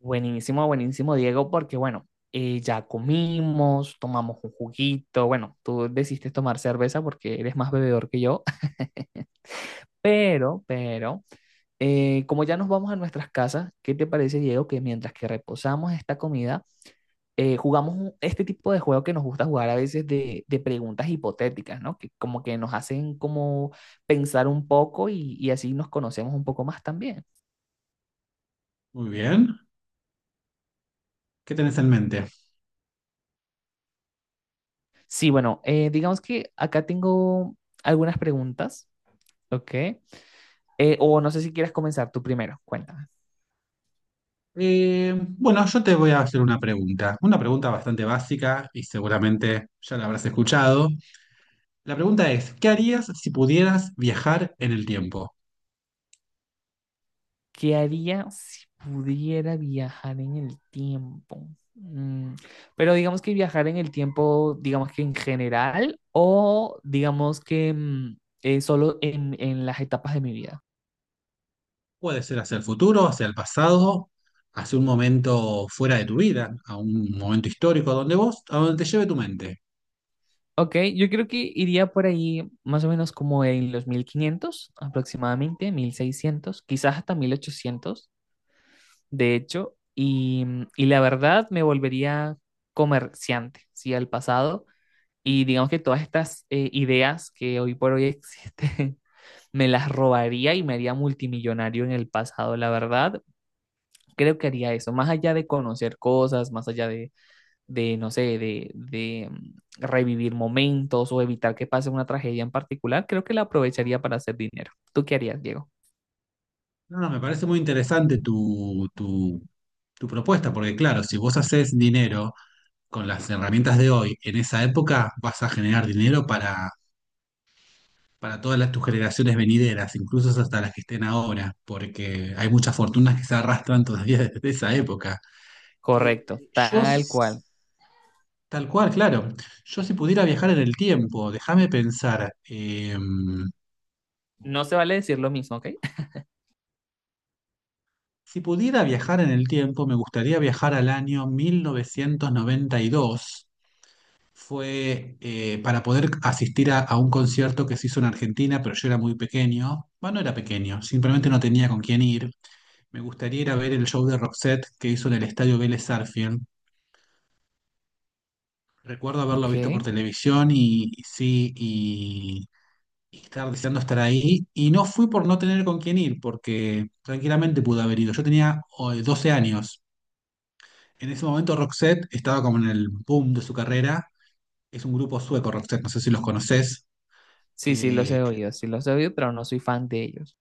Buenísimo, buenísimo, Diego, porque bueno, ya comimos, tomamos un juguito, bueno, tú decidiste tomar cerveza porque eres más bebedor que yo, pero, pero, como ya nos vamos a nuestras casas, ¿qué te parece, Diego, que mientras que reposamos esta comida, jugamos este tipo de juego que nos gusta jugar a veces de preguntas hipotéticas, ¿no? Que como que nos hacen como pensar un poco y así nos conocemos un poco más también. Muy bien. ¿Qué tenés en mente? Sí, bueno, digamos que acá tengo algunas preguntas. Ok. O no sé si quieres comenzar tú primero, cuéntame. Bueno, yo te voy a hacer una pregunta bastante básica y seguramente ya la habrás escuchado. La pregunta es, ¿qué harías si pudieras viajar en el tiempo? ¿Qué haría si pudiera viajar en el tiempo? Pero digamos que viajar en el tiempo, digamos que en general, o digamos que solo en las etapas de mi vida. Puede ser hacia el futuro, hacia el pasado, hacia un momento fuera de tu vida, a un momento histórico, a donde vos, a donde te lleve tu mente. Ok, yo creo que iría por ahí más o menos como en los 1500 aproximadamente, 1600, quizás hasta 1800, de hecho, y la verdad me volvería comerciante, ¿sí? Al pasado, y digamos que todas estas ideas que hoy por hoy existen, me las robaría y me haría multimillonario en el pasado, la verdad, creo que haría eso, más allá de conocer cosas, más allá de no sé, de revivir momentos o evitar que pase una tragedia en particular, creo que la aprovecharía para hacer dinero. ¿Tú qué harías, Diego? No, no, me parece muy interesante tu propuesta, porque claro, si vos haces dinero con las herramientas de hoy en esa época, vas a generar dinero para todas tus generaciones venideras, incluso hasta las que estén ahora, porque hay muchas fortunas que se arrastran todavía desde esa época. Eh, Correcto, yo, tal s- cual. Tal cual, claro, yo si pudiera viajar en el tiempo, déjame pensar, No se vale decir lo mismo, ¿ok? si pudiera viajar en el tiempo, me gustaría viajar al año 1992. Fue para poder asistir a un concierto que se hizo en Argentina, pero yo era muy pequeño. Bueno, no era pequeño, simplemente no tenía con quién ir. Me gustaría ir a ver el show de Roxette que hizo en el Estadio Vélez Sarsfield. Recuerdo haberlo visto por Ok. televisión y sí, y estar deseando estar ahí. Y no fui por no tener con quién ir, porque tranquilamente pude haber ido. Yo tenía 12 años. En ese momento Roxette estaba como en el boom de su carrera. Es un grupo sueco, Roxette, no sé si los conoces. Sí, sí, los Eh, he oído, sí los he oído, pero no soy fan de ellos.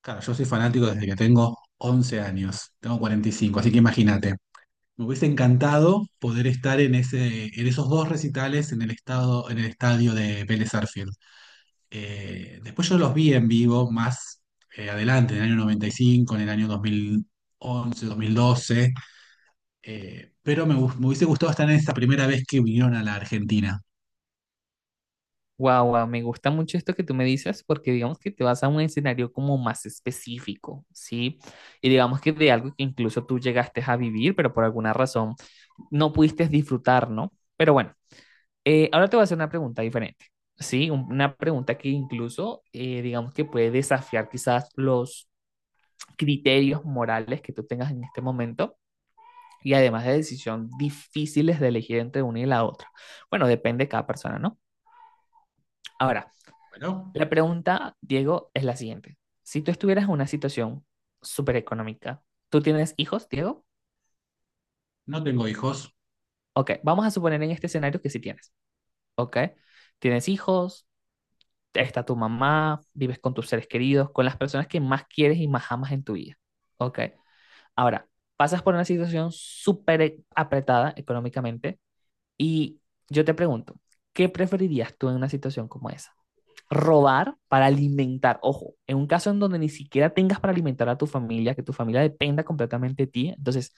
claro, yo soy fanático desde que tengo 11 años. Tengo 45, así que imagínate. Me hubiese encantado poder estar en ese, en esos dos recitales en el estado, en el estadio de Vélez Sarsfield. Después yo los vi en vivo más adelante, en el año noventa y cinco, en el año 2000 2012, pero me hubiese gustado estar en esa primera vez que vinieron a la Argentina. Guau, guau, me gusta mucho esto que tú me dices porque digamos que te vas a un escenario como más específico, ¿sí? Y digamos que de algo que incluso tú llegaste a vivir, pero por alguna razón no pudiste disfrutar, ¿no? Pero bueno, ahora te voy a hacer una pregunta diferente, ¿sí? Una pregunta que incluso, digamos que puede desafiar quizás los criterios morales que tú tengas en este momento y además de decisión difíciles de elegir entre una y la otra. Bueno, depende de cada persona, ¿no? Ahora, Bueno, la pregunta, Diego, es la siguiente. Si tú estuvieras en una situación súper económica, ¿tú tienes hijos, Diego? no tengo hijos. Ok, vamos a suponer en este escenario que sí tienes, ¿ok? Tienes hijos, está tu mamá, vives con tus seres queridos, con las personas que más quieres y más amas en tu vida. Ok. Ahora, pasas por una situación súper apretada económicamente y yo te pregunto, ¿qué preferirías tú en una situación como esa? Robar para alimentar, ojo, en un caso en donde ni siquiera tengas para alimentar a tu familia, que tu familia dependa completamente de ti, entonces,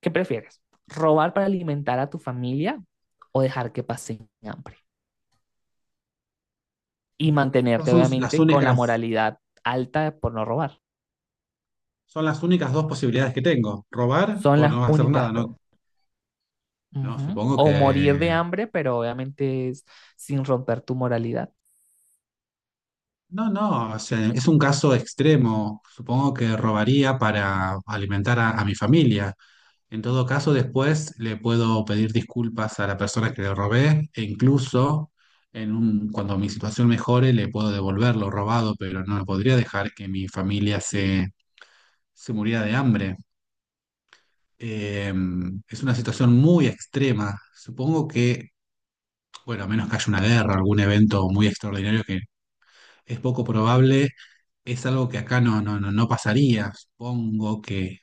¿qué prefieres? ¿Robar para alimentar a tu familia o dejar que pasen hambre? Y Estas mantenerte son obviamente con la moralidad alta por no robar. son las únicas dos posibilidades que tengo, robar Son o las no hacer nada, únicas ¿no? dos. No, Ujú. supongo O morir que de hambre, pero obviamente es sin romper tu moralidad. No, no, o sea, es un caso extremo. Supongo que robaría para alimentar a mi familia. En todo caso, después le puedo pedir disculpas a la persona que le robé e incluso cuando mi situación mejore le puedo devolver lo robado, pero no podría dejar que mi familia se muriera de hambre. Eh, es una situación muy extrema. Supongo que, bueno, a menos que haya una guerra, algún evento muy extraordinario que es poco probable. Es algo que acá no pasaría. Supongo que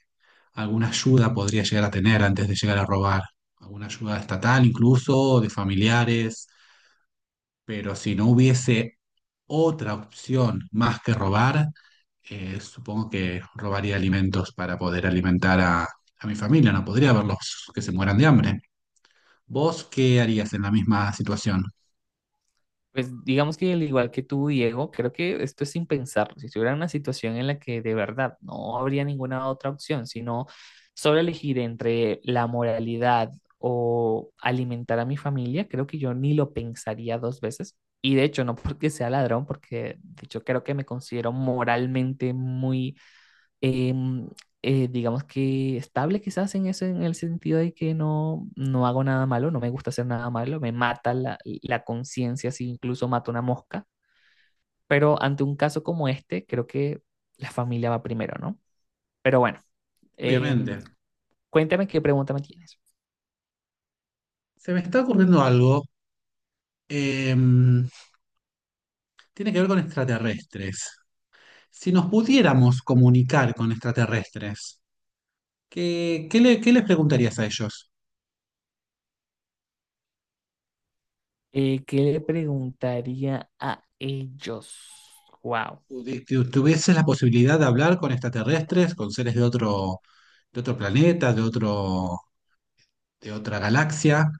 alguna ayuda podría llegar a tener antes de llegar a robar. Alguna ayuda estatal incluso, o de familiares. Pero si no hubiese otra opción más que robar, supongo que robaría alimentos para poder alimentar a mi familia. No podría verlos que se mueran de hambre. ¿Vos qué harías en la misma situación? Pues digamos que al igual que tú, Diego, creo que esto es sin pensarlo. Si estuviera en una situación en la que de verdad no habría ninguna otra opción, sino solo elegir entre la moralidad o alimentar a mi familia, creo que yo ni lo pensaría dos veces. Y de hecho, no porque sea ladrón, porque de hecho creo que me considero moralmente muy em, digamos que estable quizás en eso, en el sentido de que no, no hago nada malo, no me gusta hacer nada malo, me mata la conciencia si incluso mato una mosca, pero ante un caso como este, creo que la familia va primero, ¿no? Pero bueno, em, Obviamente. cuéntame qué pregunta me tienes. Se me está ocurriendo algo. em, Tiene que ver con extraterrestres. Si nos pudiéramos comunicar con extraterrestres, ¿ qué les preguntarías a ellos? ¿Qué le preguntaría a ellos? Wow. ¿Tuvieses la posibilidad de hablar con extraterrestres, con seres de otro planeta, de otra galaxia?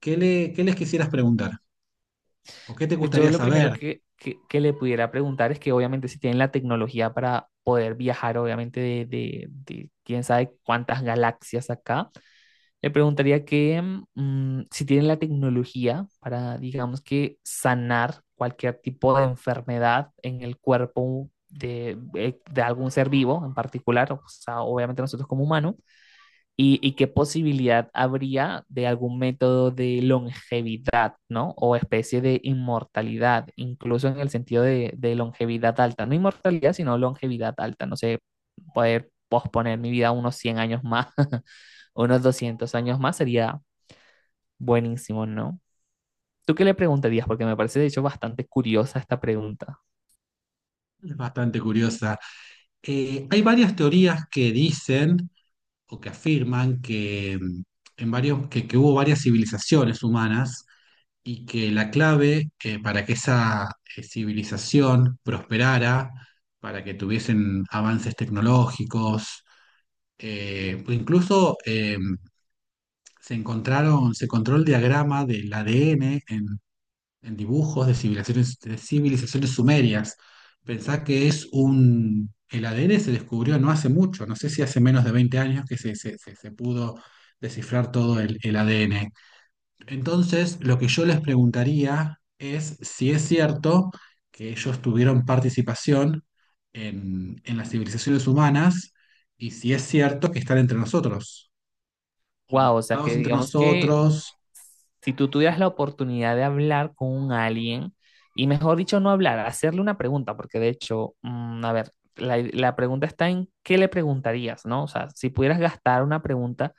¿ qué les quisieras preguntar? ¿O qué te Pues yo gustaría lo primero saber? Que le pudiera preguntar es que obviamente si tienen la tecnología para poder viajar, obviamente de quién sabe cuántas galaxias acá, le preguntaría que si tienen la tecnología para, digamos que, sanar cualquier tipo de enfermedad en el cuerpo de algún ser vivo en particular, o sea, obviamente nosotros como humanos, y qué posibilidad habría de algún método de longevidad, ¿no? O especie de inmortalidad, incluso en el sentido de longevidad alta, no inmortalidad, sino longevidad alta, no sé, poder posponer mi vida unos 100 años más, unos 200 años más sería buenísimo, ¿no? ¿Tú qué le preguntarías? Porque me parece de hecho bastante curiosa esta pregunta. Es bastante curiosa. Hay varias teorías que dicen o que afirman que, en varios, que hubo varias civilizaciones humanas y que la clave para que esa civilización prosperara, para que tuviesen avances tecnológicos, pues incluso se encontraron, se encontró el diagrama del ADN en dibujos de civilizaciones sumerias. Pensá que es un… El ADN se descubrió no hace mucho, no sé si hace menos de 20 años que se pudo descifrar todo el ADN. Entonces, lo que yo les preguntaría es si es cierto que ellos tuvieron participación en las civilizaciones humanas y si es cierto que están entre nosotros o Wow, o sea mezclados que entre digamos que nosotros. si tú tuvieras Sí, la oportunidad de hablar con un alien, y mejor dicho, no hablar, hacerle una pregunta, porque de hecho, a ver, la pregunta está en qué le preguntarías, ¿no? O sea, si pudieras gastar una pregunta,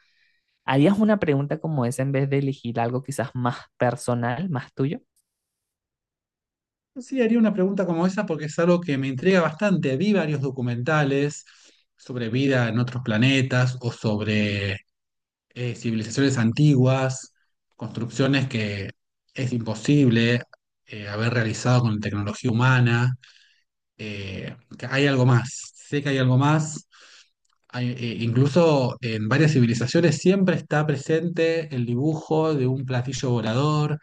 ¿harías una pregunta como esa en vez de elegir algo quizás más personal, más tuyo? sí haría una pregunta como esa porque es algo que me intriga bastante. Vi varios documentales sobre vida en otros planetas o sobre civilizaciones antiguas, construcciones que es imposible haber realizado con tecnología humana, que hay algo más, sé que hay algo más. Hay, incluso en varias civilizaciones siempre está presente el dibujo de un platillo volador,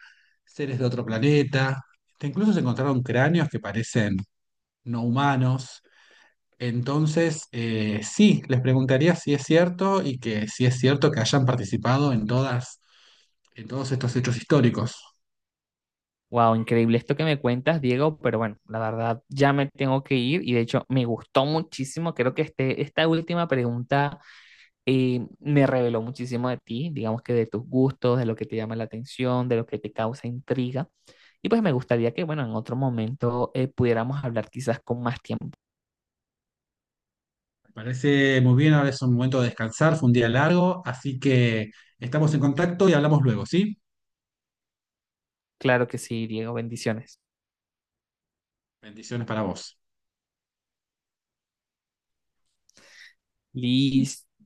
seres de otro planeta. Que incluso se encontraron cráneos que parecen no humanos. Entonces, sí, les preguntaría si es cierto y que si es cierto que hayan participado en todas, en todos estos hechos históricos. Wow, increíble esto que me cuentas, Diego, pero bueno, la verdad ya me tengo que ir y de hecho me gustó muchísimo. Creo que esta última pregunta me reveló muchísimo de ti, digamos que de tus gustos, de lo que te llama la atención, de lo que te causa intriga. Y pues me gustaría que, bueno, en otro momento pudiéramos hablar quizás con más tiempo. Me parece muy bien, ahora es un momento de descansar, fue un día largo, así que estamos en contacto y hablamos luego, ¿sí? Claro que sí, Diego, bendiciones. Bendiciones para vos. Listo.